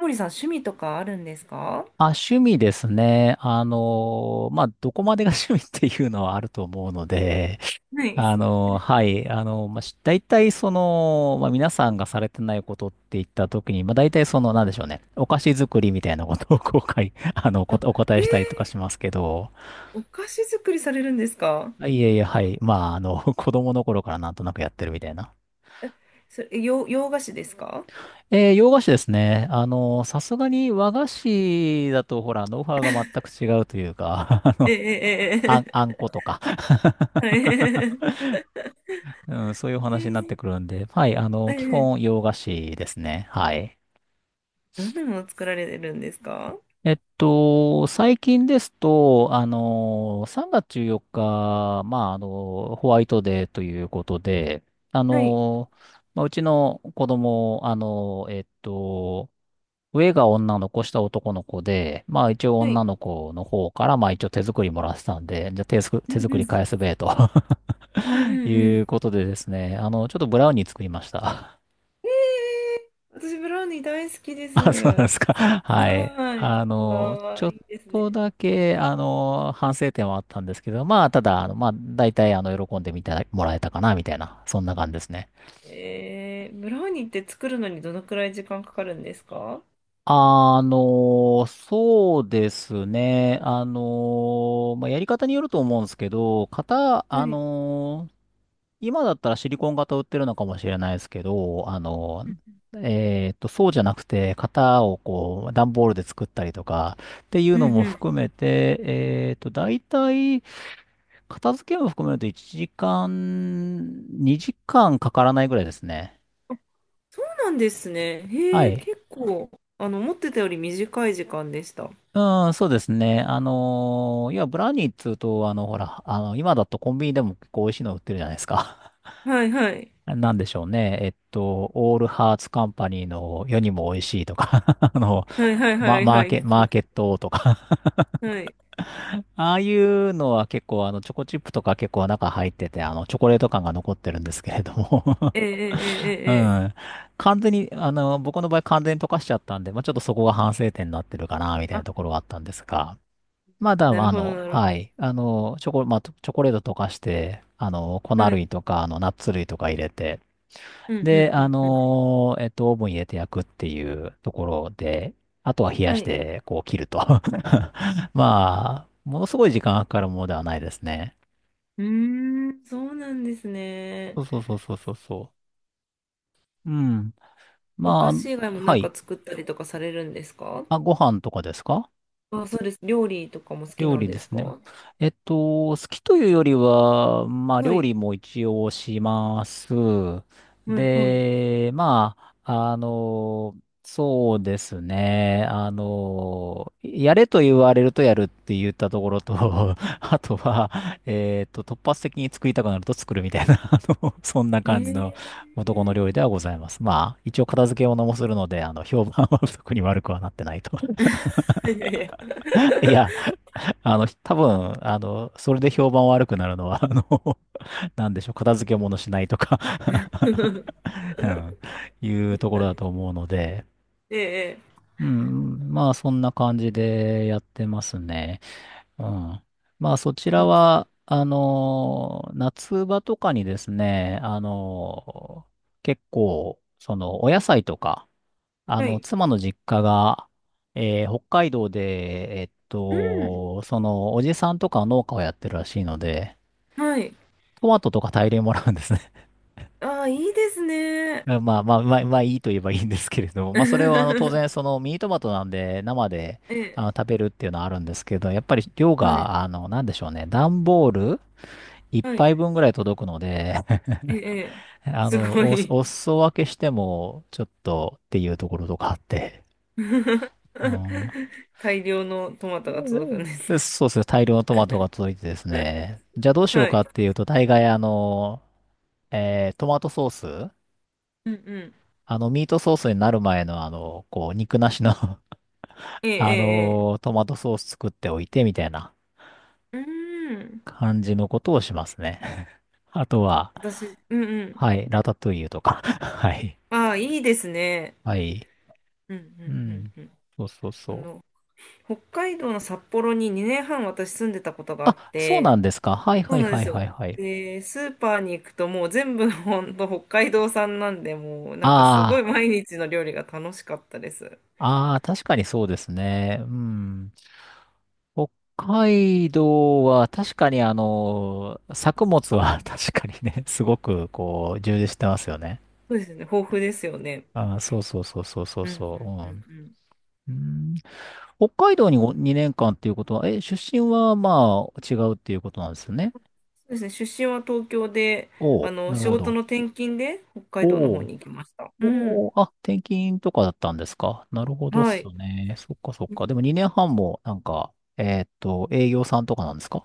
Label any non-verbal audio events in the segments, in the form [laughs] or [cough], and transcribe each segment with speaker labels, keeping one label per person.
Speaker 1: 森さん、趣味とかあるんですか？
Speaker 2: あ、趣味ですね。どこまでが [laughs] 趣味っていうのはあると思うので、[laughs]
Speaker 1: はい。
Speaker 2: 大体その、まあ、皆さんがされてないことって言ったときに、まあ、大体その、なんでしょうね、お菓子作りみたいなことを[laughs]
Speaker 1: あ、
Speaker 2: お答
Speaker 1: え
Speaker 2: え
Speaker 1: ー、
Speaker 2: したりとかしますけど、
Speaker 1: お菓子作りされるんですか？
Speaker 2: あいえいえ、はい、[laughs] 子供の頃からなんとなくやってるみたいな。
Speaker 1: それ、洋菓子ですか？
Speaker 2: えー洋菓子ですね。あの、さすがに和菓子だと、ほら、ノウハウが全く違うというか、[laughs]
Speaker 1: ええ
Speaker 2: あ
Speaker 1: え
Speaker 2: んことか [laughs]
Speaker 1: えええ、はい。
Speaker 2: うん、そういうお
Speaker 1: ー、
Speaker 2: 話になってくるんで、はい、あ
Speaker 1: え
Speaker 2: の、基
Speaker 1: ー、
Speaker 2: 本洋菓子ですね。はい。
Speaker 1: どんなもの作られるんですか？
Speaker 2: 最近ですと、あの、3月14日、ホワイトデーということで、あ
Speaker 1: はい。
Speaker 2: の、うちの子供、上が女の子、下男の子で、まあ一応
Speaker 1: はい。
Speaker 2: 女の子の方から、まあ一応手作りもらってたんで、じゃあ
Speaker 1: う
Speaker 2: 手
Speaker 1: ん
Speaker 2: 作
Speaker 1: う
Speaker 2: り
Speaker 1: ん。
Speaker 2: 返すべえと
Speaker 1: うんう
Speaker 2: [laughs] い
Speaker 1: んう
Speaker 2: う
Speaker 1: ん。
Speaker 2: ことでですね、あの、ちょっとブラウニー作りました。
Speaker 1: え私、ブラウニー大好きで
Speaker 2: [laughs] あ、そうなんで
Speaker 1: す。
Speaker 2: すか。[laughs] はい。
Speaker 1: はーい。わ
Speaker 2: ちょ
Speaker 1: あ、
Speaker 2: っ
Speaker 1: いいです
Speaker 2: と
Speaker 1: ね。
Speaker 2: だけ、あの、反省点はあったんですけど、まあ、ただ、あの、まあ、大体、あの、喜んでみてもらえたかな、みたいな、そんな感じですね。
Speaker 1: ブラウニーって作るのにどのくらい時間かかるんですか？
Speaker 2: そうですね。やり方によると思うんですけど、型、
Speaker 1: は
Speaker 2: あ
Speaker 1: い。
Speaker 2: の、今だったらシリコン型売ってるのかもしれないですけど、そうじゃなくて、型をこう、段ボールで作ったりとか、っていう
Speaker 1: うん
Speaker 2: のも
Speaker 1: うん、
Speaker 2: 含めて、大体、片付けも含めると1時間、2時間かからないぐらいですね。
Speaker 1: そうなんですね。
Speaker 2: は
Speaker 1: へえ、
Speaker 2: い。
Speaker 1: 結構、思ってたより短い時間でした。
Speaker 2: うん、そうですね。ブラウニーっつうと、今だとコンビニでも結構美味しいの売ってるじゃないですか。
Speaker 1: はいはい。
Speaker 2: [laughs] なんでしょうね。オールハーツカンパニーの世にも美味しいとか [laughs]
Speaker 1: はいはいはいはい。聞
Speaker 2: マ
Speaker 1: い
Speaker 2: ー
Speaker 1: て、
Speaker 2: ケットとか
Speaker 1: はい。
Speaker 2: [laughs] ああいうのは結構あのチョコチップとか結構中入っててあのチョコレート感が残ってるんですけれども
Speaker 1: ええええ
Speaker 2: [laughs] う
Speaker 1: ええ。ええ、
Speaker 2: ん。完全にあの僕の場合完全に溶かしちゃったんで、まあ、ちょっとそこが反省点になってるかなみたい
Speaker 1: あ、
Speaker 2: なところはあったんですが、まだ
Speaker 1: なる
Speaker 2: あ
Speaker 1: ほど
Speaker 2: の、
Speaker 1: なる
Speaker 2: は
Speaker 1: ほ
Speaker 2: い。チョコレート溶かして、あの、粉
Speaker 1: ど。はい。
Speaker 2: 類とか、あの、ナッツ類とか入れて、
Speaker 1: うんう
Speaker 2: で、
Speaker 1: んうんう
Speaker 2: オーブン入れて焼くっていうところで、あとは冷
Speaker 1: ん。
Speaker 2: や
Speaker 1: は
Speaker 2: し
Speaker 1: い。
Speaker 2: て、こう切ると。[laughs] まあ、ものすごい時間がかかるものではないですね。
Speaker 1: うーん、そうなんですね。
Speaker 2: そうそうそうそうそうそう。うん。
Speaker 1: お
Speaker 2: ま
Speaker 1: 菓子以外
Speaker 2: あ、
Speaker 1: もな
Speaker 2: は
Speaker 1: んか
Speaker 2: い。
Speaker 1: 作ったりとかされるんですか？
Speaker 2: あ、ご飯とかですか。
Speaker 1: あ、そうです。料理とかも好き
Speaker 2: 料
Speaker 1: なん
Speaker 2: 理で
Speaker 1: です
Speaker 2: す
Speaker 1: か？
Speaker 2: ね。
Speaker 1: は
Speaker 2: えっと、好きというよりは、まあ、料
Speaker 1: い。
Speaker 2: 理も一応します。
Speaker 1: はいはい。
Speaker 2: で、あ、あの、そうですね。あの、やれと言われるとやるって言ったところと、[laughs] あとは、突発的に作りたくなると作るみたいな、[laughs] あの、そんな
Speaker 1: え
Speaker 2: 感じ
Speaker 1: え、
Speaker 2: の男の料理ではございます。まあ、一応片付け物もするので、あの、評判は特に悪くはなってないと。
Speaker 1: いやいやいや。
Speaker 2: [laughs] いや、多分、あの、それで評判悪くなるのは、あの、[laughs] なんでしょう、片付け物しないとか
Speaker 1: [laughs]
Speaker 2: [laughs] うん、いうところだと思うので、
Speaker 1: ええ
Speaker 2: うん、まあ、そんな感じでやってますね。うん。まあ、そちら
Speaker 1: ええ、
Speaker 2: は、あの、夏場とかにですね、あの、結構、その、お野菜とか、あ
Speaker 1: は
Speaker 2: の、
Speaker 1: い。
Speaker 2: 妻の実家が、えー北海道で、
Speaker 1: うん。
Speaker 2: おじさんとか農家をやってるらしいので、
Speaker 1: はい。
Speaker 2: トマトとか大量にもらうんですね。
Speaker 1: ああ、いいです
Speaker 2: [laughs]
Speaker 1: ね。
Speaker 2: まあまあ、まあ、まあいいと言えばいいんですけれども、まあそれはあの当然
Speaker 1: [laughs]
Speaker 2: そのミニトマトなんで生で
Speaker 1: え
Speaker 2: あ
Speaker 1: え、
Speaker 2: の食べるっていうのはあるんですけど、やっぱり量
Speaker 1: はい、
Speaker 2: が、あの、なんでしょうね、段ボール一
Speaker 1: はい、
Speaker 2: 杯分ぐらい届くので、
Speaker 1: ええ、ええ
Speaker 2: [laughs]
Speaker 1: [laughs] すごい。
Speaker 2: お裾分けしてもちょっとっていうところとかあって、
Speaker 1: [laughs]
Speaker 2: うん、
Speaker 1: 大量のトマトが届くんです
Speaker 2: で
Speaker 1: ね。
Speaker 2: そうですね。大量のトマトが届いてですね。
Speaker 1: [laughs]
Speaker 2: じゃあどうしよう
Speaker 1: は
Speaker 2: か
Speaker 1: い。
Speaker 2: っていうと、大概あの、えートマトソース
Speaker 1: うんうん。
Speaker 2: あの、ミートソースになる前のあの、こう、肉なしの [laughs]
Speaker 1: え
Speaker 2: あ
Speaker 1: え、え
Speaker 2: の、トマトソース作っておいてみたいな
Speaker 1: え、ええ、うーん。
Speaker 2: 感じのことをしますね。[laughs] あとは、
Speaker 1: 私、うんうん。
Speaker 2: はい、ラタトゥイユとか。[laughs] はい。
Speaker 1: ああ、いいですね。
Speaker 2: はい。
Speaker 1: うんう
Speaker 2: う
Speaker 1: ん
Speaker 2: ん。
Speaker 1: うんうん。
Speaker 2: そうそうそ
Speaker 1: あ
Speaker 2: う。
Speaker 1: の、北海道の札幌に2年半私住んでたことがあ
Speaker 2: あ、
Speaker 1: っ
Speaker 2: そうな
Speaker 1: て、
Speaker 2: んですか。はい
Speaker 1: そ
Speaker 2: は
Speaker 1: う
Speaker 2: い
Speaker 1: なんで
Speaker 2: はい
Speaker 1: すよ。
Speaker 2: はいはい。
Speaker 1: で、スーパーに行くともう全部ほんと北海道産なんで、もうなんかすごい
Speaker 2: あ
Speaker 1: 毎日の料理が楽しかったです。
Speaker 2: あ、ああ、確かにそうですね。うん。北海道は確かにあの、作物は [laughs] 確かにね、すごくこう、充実してますよね。
Speaker 1: そうですね、豊富ですよね。
Speaker 2: あー、そうそうそうそうそう
Speaker 1: うんう
Speaker 2: そ
Speaker 1: んうんう
Speaker 2: う。
Speaker 1: ん。
Speaker 2: うん。うん、北海道に2年間っていうことは、え、出身はまあ違うっていうことなんですよね。
Speaker 1: そうですね、出身は東京で、
Speaker 2: おお、なる
Speaker 1: 仕
Speaker 2: ほ
Speaker 1: 事
Speaker 2: ど。
Speaker 1: の転勤で北
Speaker 2: お
Speaker 1: 海道の方
Speaker 2: お、
Speaker 1: に行きました。う
Speaker 2: お
Speaker 1: ん。
Speaker 2: お、あ、転勤とかだったんですか。なるほどっ
Speaker 1: は
Speaker 2: す
Speaker 1: い。
Speaker 2: ね。そっかそっか。でも
Speaker 1: 支
Speaker 2: 2年半もなんか、営業さんとかなんですか。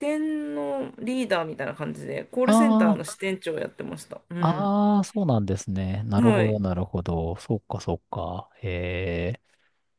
Speaker 1: 店のリーダーみたいな感じで、コールセンター
Speaker 2: あ
Speaker 1: の支店長をやってました。うん。
Speaker 2: あ、あそうなんですね。なる
Speaker 1: は
Speaker 2: ほど、
Speaker 1: い。
Speaker 2: なるほど。そっか、そっか。へえ。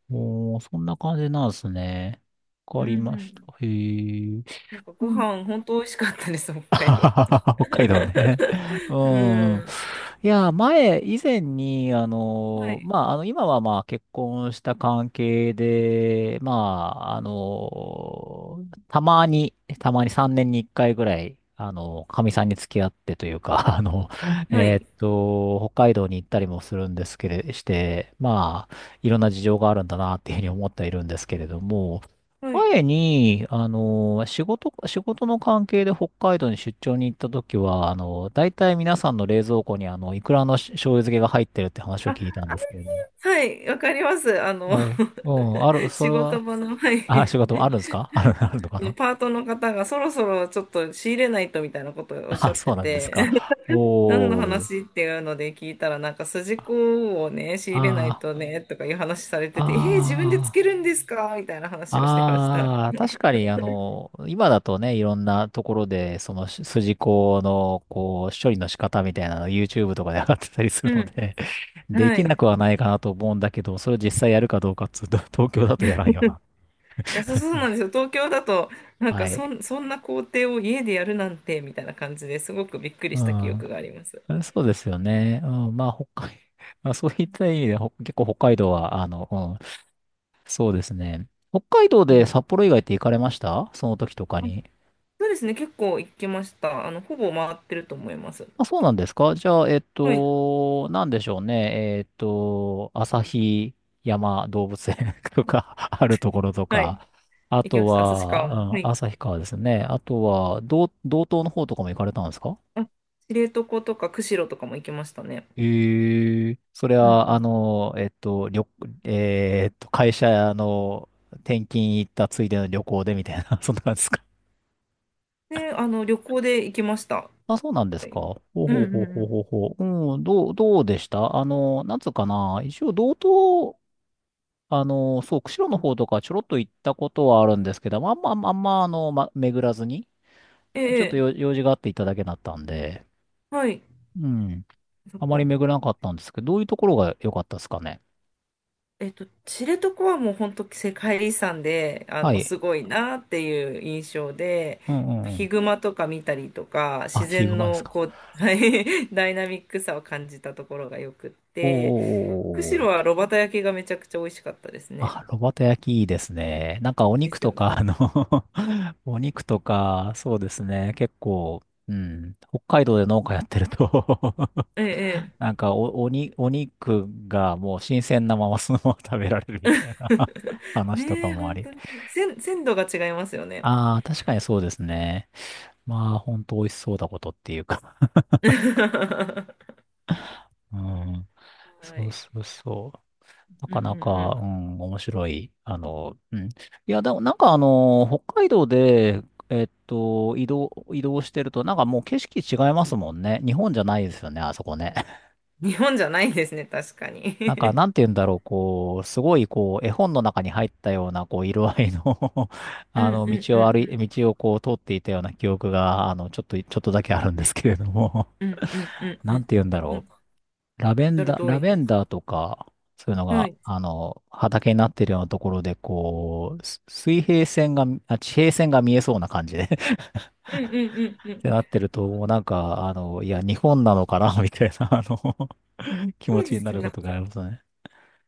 Speaker 2: もう、そんな感じなんですね。わ
Speaker 1: う
Speaker 2: か
Speaker 1: んう
Speaker 2: りました。
Speaker 1: ん。
Speaker 2: へえ。
Speaker 1: なんかご飯本当美味しかったです、北
Speaker 2: [laughs] あ
Speaker 1: 海
Speaker 2: は
Speaker 1: 道。
Speaker 2: はは、北海道ね。[laughs] う
Speaker 1: [laughs] う
Speaker 2: ん。
Speaker 1: ん。
Speaker 2: いや、前、以前に、あ
Speaker 1: は
Speaker 2: の、
Speaker 1: い。
Speaker 2: まあ、あの、今はまあ、結婚した関係で、たまに、たまに3年に1回ぐらい、あの、かみさんに付き合ってというか、[laughs]
Speaker 1: はい。
Speaker 2: 北海道に行ったりもするんですけれ、して、まあ、いろんな事情があるんだなっていうふうに思ってはいるんですけれども、
Speaker 1: はい。
Speaker 2: 前に、仕事の関係で北海道に出張に行った時は、あの、大体皆さんの冷蔵庫に、いくらの醤油漬けが入ってるって話を
Speaker 1: あ、あ、
Speaker 2: 聞いたんですけれども。
Speaker 1: はい。わかります。
Speaker 2: はい。うん、ある、
Speaker 1: [laughs]
Speaker 2: そ
Speaker 1: 仕
Speaker 2: れ
Speaker 1: 事
Speaker 2: は、
Speaker 1: 場の、はい。
Speaker 2: あ、仕事もあるんですか。 [laughs] ある、あるのかな。
Speaker 1: パートの方がそろそろちょっと仕入れないとみたいなこと
Speaker 2: [laughs]
Speaker 1: をおっしゃ
Speaker 2: あ、
Speaker 1: っ
Speaker 2: そ
Speaker 1: て
Speaker 2: うなんです
Speaker 1: て、
Speaker 2: か。
Speaker 1: [laughs] 何の
Speaker 2: おー。
Speaker 1: 話っていうので聞いたら、なんか筋子をね、仕入れない
Speaker 2: あ
Speaker 1: とね、とかいう話され
Speaker 2: あ、
Speaker 1: てて、自分でつ
Speaker 2: あ
Speaker 1: け
Speaker 2: あ。
Speaker 1: るんですかみたいな話をしてました。
Speaker 2: ああ、確かに、あの、今だとね、いろんなところで、その筋子の、こう、処理の仕方みたいなの YouTube とかで上がってたりする
Speaker 1: う
Speaker 2: の
Speaker 1: ん。
Speaker 2: で、[laughs] で
Speaker 1: は
Speaker 2: き
Speaker 1: い。
Speaker 2: なく
Speaker 1: い
Speaker 2: はないかなと思うんだけど、それを実際やるかどうかっつうと、[laughs] 東京だとやらんよな。
Speaker 1: や、そうそうな
Speaker 2: [laughs]
Speaker 1: んですよ。東京だと、なん
Speaker 2: は
Speaker 1: かそ
Speaker 2: い。
Speaker 1: ん、そんな工程を家でやるなんて、みたいな感じですごくびっくり
Speaker 2: う
Speaker 1: した記
Speaker 2: ん。
Speaker 1: 憶があります。
Speaker 2: そうですよね。うん。[laughs] まあ、そういった意味で、結構北海道は、あの、うん、そうですね。北海道
Speaker 1: う
Speaker 2: で
Speaker 1: ん、
Speaker 2: 札幌以外って行かれましたその時とかに。
Speaker 1: そうですね、結構行きました。ほぼ回ってると思います。
Speaker 2: あ、そうなんですか。じゃあ、えっ
Speaker 1: はい。
Speaker 2: と、なんでしょうね。えっと、旭山動物園 [laughs] とかあるところと
Speaker 1: はい。
Speaker 2: か、あ
Speaker 1: 行きま
Speaker 2: と
Speaker 1: した。旭川も。
Speaker 2: は、
Speaker 1: は
Speaker 2: うん、
Speaker 1: い。
Speaker 2: 旭川ですね。あとは、道東の方とかも行かれたんですか。
Speaker 1: あ、知床とか釧路とかも行きましたね。
Speaker 2: ええそれ
Speaker 1: うんう
Speaker 2: は、あ
Speaker 1: ん。
Speaker 2: の、えっと、旅、えーっと、会社の転勤行ったついでの旅行でみたいな、[laughs] そんな感じですか。
Speaker 1: で、旅行で行きました。
Speaker 2: あ、そうなんで
Speaker 1: は
Speaker 2: すか。
Speaker 1: い。
Speaker 2: ほう
Speaker 1: う
Speaker 2: ほ
Speaker 1: ん
Speaker 2: う
Speaker 1: う
Speaker 2: ほ
Speaker 1: ん
Speaker 2: うほ
Speaker 1: う
Speaker 2: う
Speaker 1: ん。
Speaker 2: ほうほう。うん、どうでしたあの、なんつうかな。一応、道あの、そう、釧路の方とかちょろっと行ったことはあるんですけど、まああんまま、巡らずに、
Speaker 1: え
Speaker 2: ちょっと
Speaker 1: え、
Speaker 2: 用事があって行っただけだったんで、
Speaker 1: はい。
Speaker 2: うん。
Speaker 1: そっ
Speaker 2: あまり
Speaker 1: か。
Speaker 2: 巡らなかったんですけど、どういうところが良かったですかね。
Speaker 1: 知床はもう本当世界遺産で、
Speaker 2: はい。
Speaker 1: すごいなっていう印象で、
Speaker 2: うんうんう
Speaker 1: ヒ
Speaker 2: ん。
Speaker 1: グマとか見たりとか、
Speaker 2: あ、
Speaker 1: 自
Speaker 2: ヒグ
Speaker 1: 然
Speaker 2: マです
Speaker 1: の
Speaker 2: か。
Speaker 1: こう、はい [laughs] ダイナミックさを感じたところがよくっ
Speaker 2: おーおー
Speaker 1: て、
Speaker 2: おー
Speaker 1: 釧
Speaker 2: お
Speaker 1: 路
Speaker 2: ー。
Speaker 1: は炉端焼きがめちゃくちゃ美味しかったですね。
Speaker 2: あ、炉端焼きいいですね。なんかお
Speaker 1: で
Speaker 2: 肉
Speaker 1: すよ
Speaker 2: と
Speaker 1: ね。
Speaker 2: か、[laughs] お肉とか、そうですね。結構、うん。北海道で農家やってると
Speaker 1: ええ、え
Speaker 2: [laughs]
Speaker 1: え。
Speaker 2: なんかお肉がもう新鮮なままそのまま食べられるみたいな
Speaker 1: [laughs]
Speaker 2: [laughs] 話とか
Speaker 1: ねえ、
Speaker 2: もあ
Speaker 1: 本
Speaker 2: り。
Speaker 1: 当に。鮮度が違いますよね。
Speaker 2: ああ、確かにそうですね。まあ、ほんと美味しそうだことっていうか。
Speaker 1: [laughs]
Speaker 2: うん。
Speaker 1: は
Speaker 2: そう
Speaker 1: い。
Speaker 2: そうそう。な
Speaker 1: うん
Speaker 2: か
Speaker 1: う
Speaker 2: なか、
Speaker 1: ん
Speaker 2: うん、面白い。あの、うん。いや、でもなんかあの、北海道で、移動してると、なんかもう景色違いますもんね。日本じゃないですよね、あそこね。
Speaker 1: うん。日本じゃないですね、確かに。
Speaker 2: なんか、
Speaker 1: [laughs]
Speaker 2: なんて言うんだろう、こう、すごい、こう、絵本の中に入ったような、こう、色合いの [laughs]
Speaker 1: う
Speaker 2: あ
Speaker 1: ん
Speaker 2: の、
Speaker 1: うんうん
Speaker 2: 道をこう、通っていたような記憶が、あの、ちょっとだけあるんですけれども
Speaker 1: うんうんうん
Speaker 2: [laughs]
Speaker 1: うん
Speaker 2: なんて
Speaker 1: うん。
Speaker 2: 言うん
Speaker 1: い
Speaker 2: だ
Speaker 1: や、ほ
Speaker 2: ろ
Speaker 1: んとおっ
Speaker 2: う。
Speaker 1: しゃる通
Speaker 2: ラ
Speaker 1: り
Speaker 2: ベ
Speaker 1: で
Speaker 2: ン
Speaker 1: す。
Speaker 2: ダーとか、そういうの
Speaker 1: は
Speaker 2: が、
Speaker 1: い。
Speaker 2: あの、畑になってるようなところで、こう、す水平線が、あ、地平線が見えそうな感じで [laughs] っ
Speaker 1: うんうんうんうん。
Speaker 2: てなってると、なんか、あの、いや、日本なのかな、みたいな、あの [laughs] 気持
Speaker 1: そう
Speaker 2: ち
Speaker 1: で
Speaker 2: にな
Speaker 1: すね。
Speaker 2: る
Speaker 1: な
Speaker 2: こ
Speaker 1: んか、
Speaker 2: とがありますね。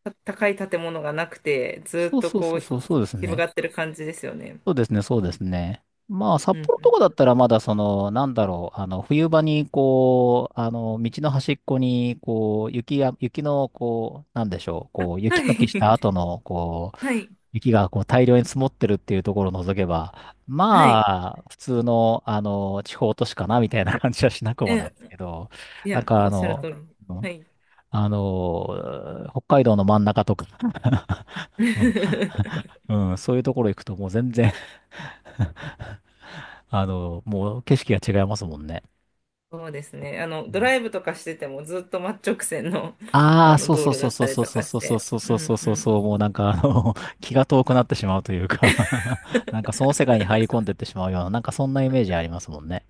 Speaker 1: 高い建物がなくて、ずーっ
Speaker 2: そう
Speaker 1: と
Speaker 2: そう
Speaker 1: こ
Speaker 2: そ
Speaker 1: う、
Speaker 2: う
Speaker 1: ひ
Speaker 2: そう、そうです
Speaker 1: 広が
Speaker 2: ね。
Speaker 1: ってる感じですよね。
Speaker 2: そうですね、そうですね。まあ、
Speaker 1: う
Speaker 2: 札
Speaker 1: ん
Speaker 2: 幌
Speaker 1: う
Speaker 2: と
Speaker 1: ん。
Speaker 2: かだったらまだその、なんだろう、あの、冬場にこう、あの、道の端っこに、こう、雪の、こう、なんでしょう、こう、
Speaker 1: は
Speaker 2: 雪か
Speaker 1: い。
Speaker 2: きした後
Speaker 1: [laughs]
Speaker 2: の、こう、
Speaker 1: はい。
Speaker 2: 雪がこう大量に積もってるっていうところを除けば、
Speaker 1: はい。は
Speaker 2: ま
Speaker 1: い、
Speaker 2: あ、普通の、あの、地方都市かな、みたいな感じはしなくも
Speaker 1: う
Speaker 2: ない
Speaker 1: ん、
Speaker 2: ですけど、
Speaker 1: い
Speaker 2: [laughs] なん
Speaker 1: や、
Speaker 2: か
Speaker 1: お
Speaker 2: あ
Speaker 1: っしゃるだ
Speaker 2: の、
Speaker 1: 通かり。
Speaker 2: うん
Speaker 1: ら、はい。
Speaker 2: 北海道の真ん中とか [laughs]
Speaker 1: [laughs]
Speaker 2: うん、そういうところ行くともう全然 [laughs] あの、もう景色が違いますもんね。
Speaker 1: そうですね。ドライブとかしててもずっと真っ直線の、
Speaker 2: あ
Speaker 1: あ
Speaker 2: あー、
Speaker 1: の
Speaker 2: そう
Speaker 1: 道
Speaker 2: そう
Speaker 1: 路
Speaker 2: そ
Speaker 1: だ
Speaker 2: う
Speaker 1: っ
Speaker 2: そ
Speaker 1: た
Speaker 2: う
Speaker 1: り
Speaker 2: そう
Speaker 1: と
Speaker 2: そう
Speaker 1: かし
Speaker 2: そうそ
Speaker 1: て。
Speaker 2: う
Speaker 1: うん
Speaker 2: そうそうそう
Speaker 1: うん。
Speaker 2: そう、もうなんかあの、[laughs] 気が遠くなってしまうというか [laughs] なんかその世界に入り込んでってしまうような、なんかそんなイメージありますもんね。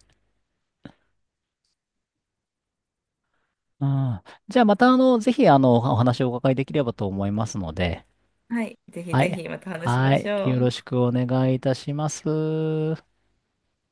Speaker 2: うん。じゃあまたあの、ぜひあの、お話をお伺いできればと思いますので、
Speaker 1: はい。ぜひ
Speaker 2: は
Speaker 1: ぜ
Speaker 2: い。
Speaker 1: ひまた話し
Speaker 2: は
Speaker 1: まし
Speaker 2: い。
Speaker 1: ょ
Speaker 2: よろ
Speaker 1: う。
Speaker 2: しくお願いいたします。